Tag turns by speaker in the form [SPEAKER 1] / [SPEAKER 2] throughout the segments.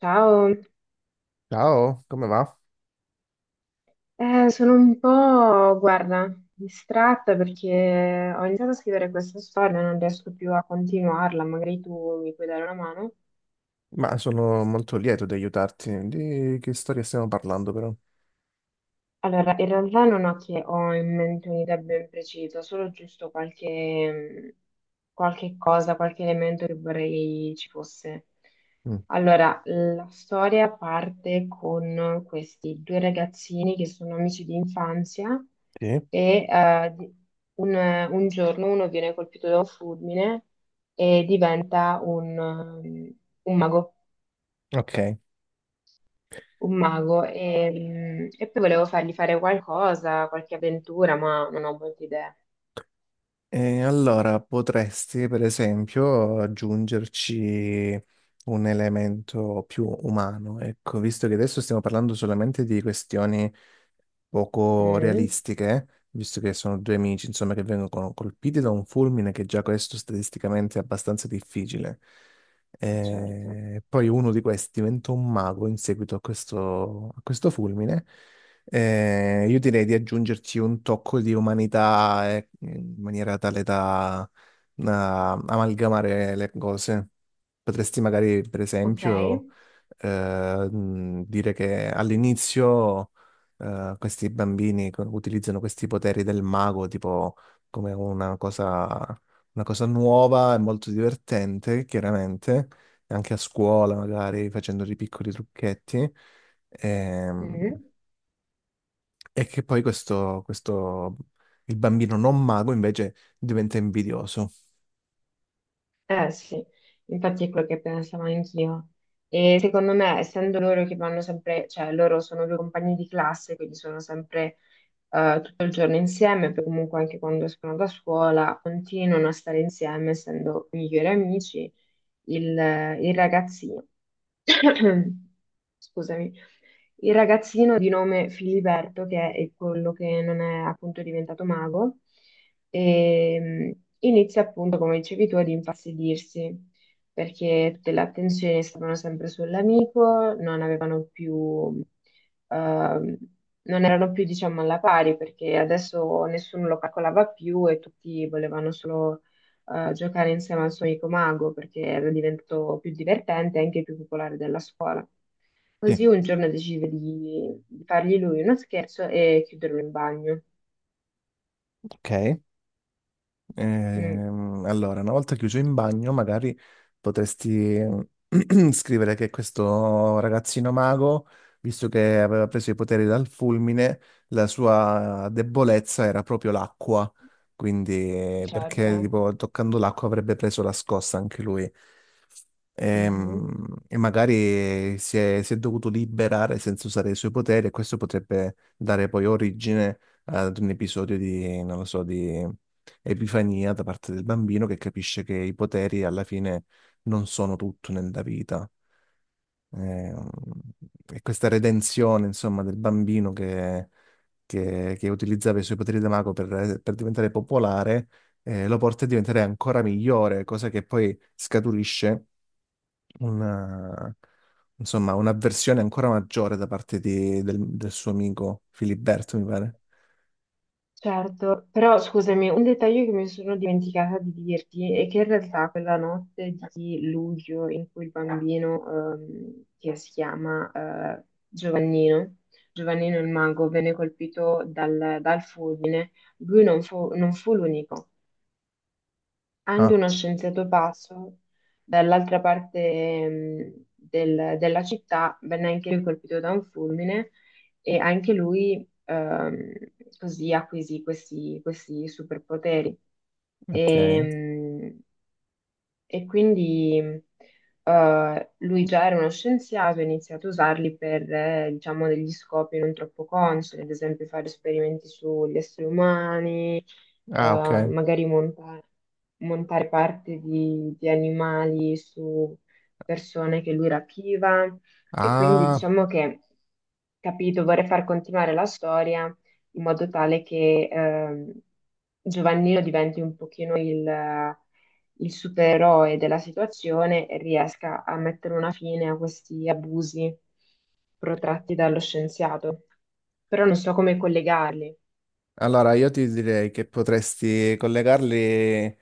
[SPEAKER 1] Ciao.
[SPEAKER 2] Ciao, come va?
[SPEAKER 1] Sono un po', guarda, distratta perché ho iniziato a scrivere questa storia e non riesco più a continuarla, magari tu mi puoi dare una mano.
[SPEAKER 2] Ma sono molto lieto di aiutarti. Di che storia stiamo parlando, però?
[SPEAKER 1] Allora, in realtà non ho che ho in mente un'idea ben precisa, solo giusto qualche cosa, qualche elemento che vorrei ci fosse.
[SPEAKER 2] Mm,
[SPEAKER 1] Allora, la storia parte con questi due ragazzini che sono amici di infanzia
[SPEAKER 2] sì,
[SPEAKER 1] e un, un giorno uno viene colpito da un fulmine e diventa un mago,
[SPEAKER 2] ok.
[SPEAKER 1] un mago e, e poi volevo fargli fare qualcosa, qualche avventura, ma non ho molte idee.
[SPEAKER 2] E allora potresti, per esempio, aggiungerci un elemento più umano, ecco, visto che adesso stiamo parlando solamente di questioni poco
[SPEAKER 1] Mm,
[SPEAKER 2] realistiche, visto che sono due amici, insomma, che vengono colpiti da un fulmine che già questo statisticamente è abbastanza difficile.
[SPEAKER 1] certo,
[SPEAKER 2] E poi uno di questi diventa un mago in seguito a questo fulmine. Io direi di aggiungerci un tocco di umanità, in maniera tale da amalgamare le cose. Potresti magari, per
[SPEAKER 1] ok.
[SPEAKER 2] esempio, dire che all'inizio questi bambini utilizzano questi poteri del mago tipo come una cosa, nuova e molto divertente, chiaramente, anche a scuola magari facendo dei piccoli trucchetti. Ehm,
[SPEAKER 1] Mm.
[SPEAKER 2] e che poi il bambino non mago invece diventa invidioso.
[SPEAKER 1] Eh sì, infatti è quello che pensavo anch'io. E secondo me, essendo loro che vanno sempre, cioè loro sono due compagni di classe, quindi sono sempre tutto il giorno insieme, poi comunque anche quando escono da scuola continuano a stare insieme, essendo migliori amici. Il ragazzino, scusami, il ragazzino di nome Filiberto, che è quello che non è appunto diventato mago, e, inizia appunto, come dicevi tu, ad infastidirsi, perché tutte le attenzioni stavano sempre sull'amico, non avevano più ehm, non erano più, diciamo, alla pari perché adesso nessuno lo calcolava più e tutti volevano solo giocare insieme al suo amico mago perché era diventato più divertente e anche più popolare della scuola.
[SPEAKER 2] Sì.
[SPEAKER 1] Così un giorno decide di fargli lui uno scherzo e chiuderlo in bagno.
[SPEAKER 2] Ok.
[SPEAKER 1] Mm,
[SPEAKER 2] Allora, una volta chiuso in bagno, magari potresti scrivere che questo ragazzino mago, visto che aveva preso i poteri dal fulmine, la sua debolezza era proprio l'acqua. Quindi,
[SPEAKER 1] certo.
[SPEAKER 2] perché tipo, toccando l'acqua avrebbe preso la scossa anche lui.
[SPEAKER 1] Mhm.
[SPEAKER 2] Ehm, e magari si è dovuto liberare senza usare i suoi poteri, e questo potrebbe dare poi origine ad un episodio di, non lo so, di epifania da parte del bambino che capisce che i poteri alla fine non sono tutto nella vita. Ehm, E questa redenzione, insomma, del bambino che, che utilizzava i suoi poteri da mago per, diventare popolare, lo porta a diventare ancora migliore, cosa che poi scaturisce una, insomma, un'avversione ancora maggiore da parte del suo amico Filiberto, mi pare.
[SPEAKER 1] Certo, però scusami, un dettaglio che mi sono dimenticata di dirti è che in realtà quella notte di luglio in cui il bambino, che si chiama, Giovannino, Giovannino il mago, venne colpito dal fulmine, lui non fu l'unico. Anche
[SPEAKER 2] Ah,
[SPEAKER 1] uno scienziato pazzo dall'altra parte, della città, venne anche lui colpito da un fulmine e anche lui, così acquisì questi superpoteri. E,
[SPEAKER 2] ok.
[SPEAKER 1] mh, e quindi lui già era uno scienziato e ha iniziato a usarli per, diciamo, degli scopi non troppo consoni, ad esempio fare esperimenti sugli esseri umani,
[SPEAKER 2] Ah, ok.
[SPEAKER 1] magari monta- montare parte di animali su persone che lui rapiva. E quindi
[SPEAKER 2] Ah,
[SPEAKER 1] diciamo che, capito, vorrei far continuare la storia in modo tale che, Giovannino diventi un pochino il supereroe della situazione e riesca a mettere una fine a questi abusi protratti dallo scienziato. Però non so come collegarli.
[SPEAKER 2] allora io ti direi che potresti collegarli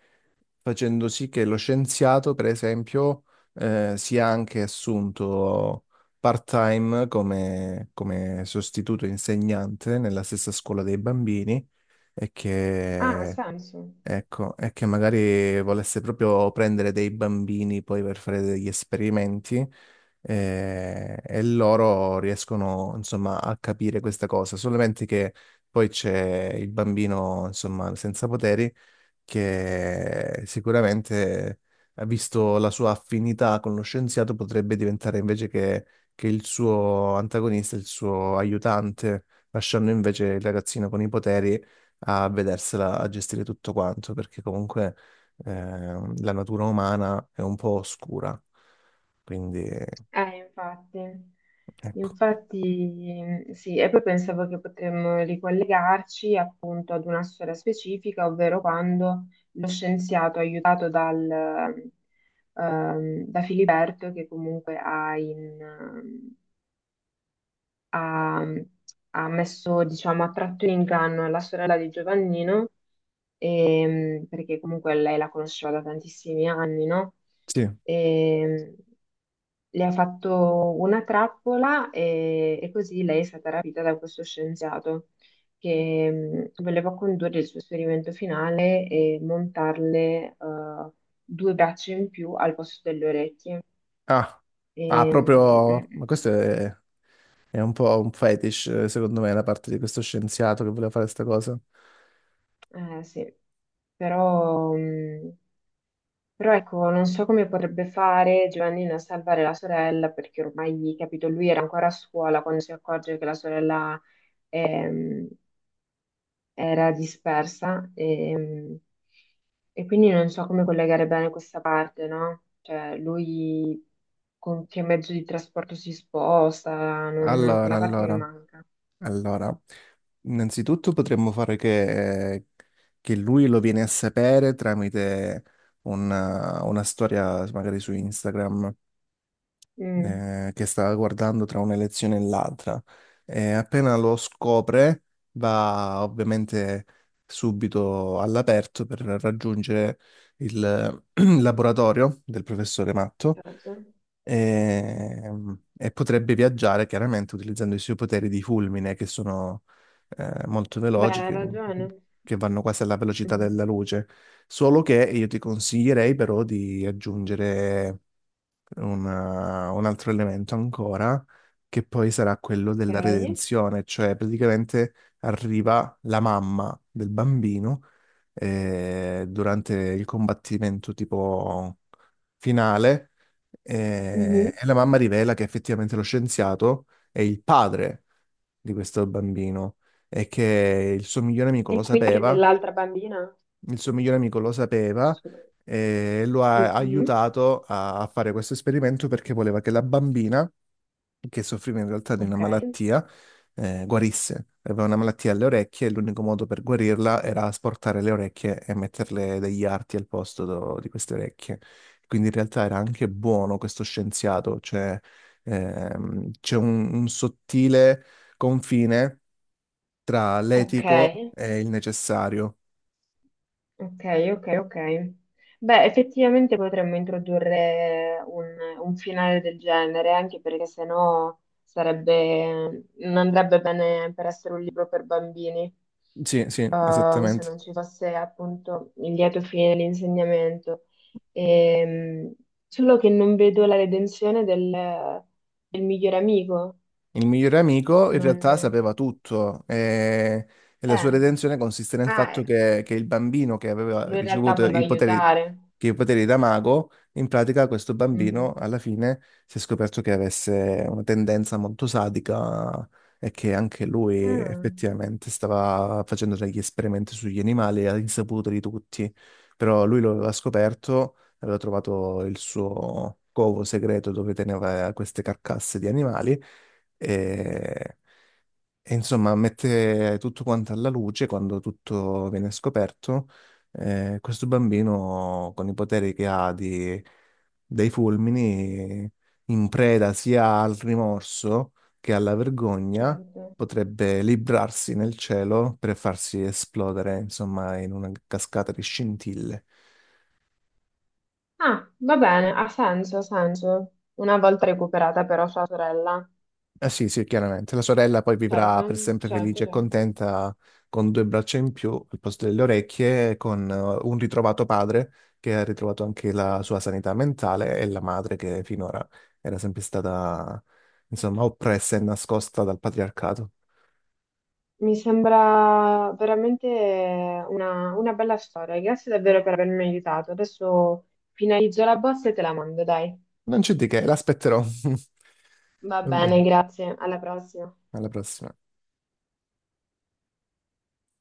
[SPEAKER 2] facendo sì che lo scienziato, per esempio, sia anche assunto part-time come, come sostituto insegnante nella stessa scuola dei bambini e
[SPEAKER 1] Ah, ha
[SPEAKER 2] che...
[SPEAKER 1] senso.
[SPEAKER 2] Ecco, è che magari volesse proprio prendere dei bambini poi per fare degli esperimenti, e loro riescono insomma a capire questa cosa, solamente che poi c'è il bambino insomma senza poteri che sicuramente, visto la sua affinità con lo scienziato, potrebbe diventare, invece che il suo antagonista, il suo aiutante, lasciando invece il ragazzino con i poteri a vedersela a gestire tutto quanto, perché comunque eh, la natura umana è un po' oscura. Quindi,
[SPEAKER 1] Infatti.
[SPEAKER 2] ecco.
[SPEAKER 1] Infatti, sì, e poi pensavo che potremmo ricollegarci appunto ad una storia specifica, ovvero quando lo scienziato aiutato da Filiberto, che comunque ha, ha messo, diciamo, ha tratto in inganno la sorella di Giovannino, perché comunque lei la conosceva da tantissimi anni, no?
[SPEAKER 2] Sì.
[SPEAKER 1] Ehm, le ha fatto una trappola e così lei è stata rapita da questo scienziato che, voleva condurre il suo esperimento finale e montarle, due braccia in più al posto delle orecchie.
[SPEAKER 2] Ah,
[SPEAKER 1] E,
[SPEAKER 2] ah,
[SPEAKER 1] mh,
[SPEAKER 2] proprio... Ma è un po' un fetish, secondo me, da parte di questo scienziato che voleva fare questa cosa.
[SPEAKER 1] eh, sì, però, però ecco, non so come potrebbe fare Giovannina a salvare la sorella, perché ormai, capito, lui era ancora a scuola quando si accorge che la sorella, ehm, era dispersa e quindi non so come collegare bene questa parte, no? Cioè, lui con che mezzo di trasporto si sposta,
[SPEAKER 2] Allora,
[SPEAKER 1] quella parte mi
[SPEAKER 2] allora,
[SPEAKER 1] manca.
[SPEAKER 2] allora, innanzitutto potremmo fare che lui lo viene a sapere tramite una storia magari su Instagram,
[SPEAKER 1] Mm,
[SPEAKER 2] che stava guardando tra un'elezione e l'altra. E appena lo scopre va ovviamente subito all'aperto per raggiungere il laboratorio del professore Matto,
[SPEAKER 1] certo.
[SPEAKER 2] e, e potrebbe viaggiare chiaramente utilizzando i suoi poteri di fulmine che sono molto
[SPEAKER 1] Beh,
[SPEAKER 2] veloci,
[SPEAKER 1] hai ragione.
[SPEAKER 2] che vanno quasi alla velocità della
[SPEAKER 1] Mm.
[SPEAKER 2] luce. Solo che io ti consiglierei però di aggiungere un altro elemento ancora, che poi sarà quello
[SPEAKER 1] Ok.
[SPEAKER 2] della redenzione, cioè praticamente arriva la mamma del bambino durante il combattimento tipo finale, e la mamma rivela che effettivamente lo scienziato è il padre di questo bambino e che il suo migliore amico
[SPEAKER 1] E
[SPEAKER 2] lo
[SPEAKER 1] quindi anche
[SPEAKER 2] sapeva,
[SPEAKER 1] dell'altra bambina?
[SPEAKER 2] il suo migliore amico lo sapeva
[SPEAKER 1] Su-
[SPEAKER 2] e lo ha
[SPEAKER 1] Mhm.
[SPEAKER 2] aiutato a, fare questo esperimento perché voleva che la bambina, che soffriva in realtà di una
[SPEAKER 1] Ok,
[SPEAKER 2] malattia, guarisse. Aveva una malattia alle orecchie e l'unico modo per guarirla era asportare le orecchie e metterle degli arti al posto di queste orecchie. Quindi in realtà era anche buono questo scienziato, cioè c'è un sottile confine tra
[SPEAKER 1] ok,
[SPEAKER 2] l'etico e il necessario.
[SPEAKER 1] ok, ok, ok. Beh, effettivamente potremmo introdurre un finale del genere, anche perché sennò sarebbe, non andrebbe bene per essere un libro per bambini,
[SPEAKER 2] Sì, sì,
[SPEAKER 1] se
[SPEAKER 2] esattamente.
[SPEAKER 1] non ci fosse appunto il lieto fine, l'insegnamento. Ehm, Solo che non vedo la redenzione del miglior amico.
[SPEAKER 2] Il migliore amico in
[SPEAKER 1] Non...
[SPEAKER 2] realtà sapeva tutto, e la sua
[SPEAKER 1] Eh,
[SPEAKER 2] redenzione consiste nel
[SPEAKER 1] ah,
[SPEAKER 2] fatto
[SPEAKER 1] eh,
[SPEAKER 2] che, il bambino che aveva
[SPEAKER 1] lui in realtà
[SPEAKER 2] ricevuto
[SPEAKER 1] voleva
[SPEAKER 2] i poteri,
[SPEAKER 1] aiutare.
[SPEAKER 2] che i poteri da mago, in pratica questo bambino
[SPEAKER 1] Mm.
[SPEAKER 2] alla fine si è scoperto che avesse una tendenza molto sadica e che anche lui
[SPEAKER 1] Ah,
[SPEAKER 2] effettivamente stava facendo degli esperimenti sugli animali all'insaputa di tutti, però lui lo aveva scoperto, aveva trovato il suo covo segreto dove teneva queste carcasse di animali e... E insomma, mette tutto quanto alla luce quando tutto viene scoperto. Questo bambino, con i poteri che ha dei fulmini, in preda sia al rimorso che alla vergogna,
[SPEAKER 1] certo.
[SPEAKER 2] potrebbe librarsi nel cielo per farsi esplodere, insomma, in una cascata di scintille.
[SPEAKER 1] Ah, va bene, ha senso, ha senso. Una volta recuperata però sua sorella.
[SPEAKER 2] Eh sì, sì, chiaramente. La sorella poi vivrà per
[SPEAKER 1] Certo,
[SPEAKER 2] sempre
[SPEAKER 1] certo,
[SPEAKER 2] felice e
[SPEAKER 1] certo.
[SPEAKER 2] contenta con due braccia in più al posto delle orecchie, con un ritrovato padre che ha ritrovato anche la sua sanità mentale, e la madre che finora era sempre stata, insomma, oppressa e nascosta dal patriarcato.
[SPEAKER 1] Mi sembra veramente una bella storia. Grazie davvero per avermi aiutato. Adesso finalizzo la bozza e te la mando, dai.
[SPEAKER 2] Non c'è di che, l'aspetterò.
[SPEAKER 1] Va
[SPEAKER 2] Va bene,
[SPEAKER 1] bene, grazie. Alla prossima.
[SPEAKER 2] alla prossima.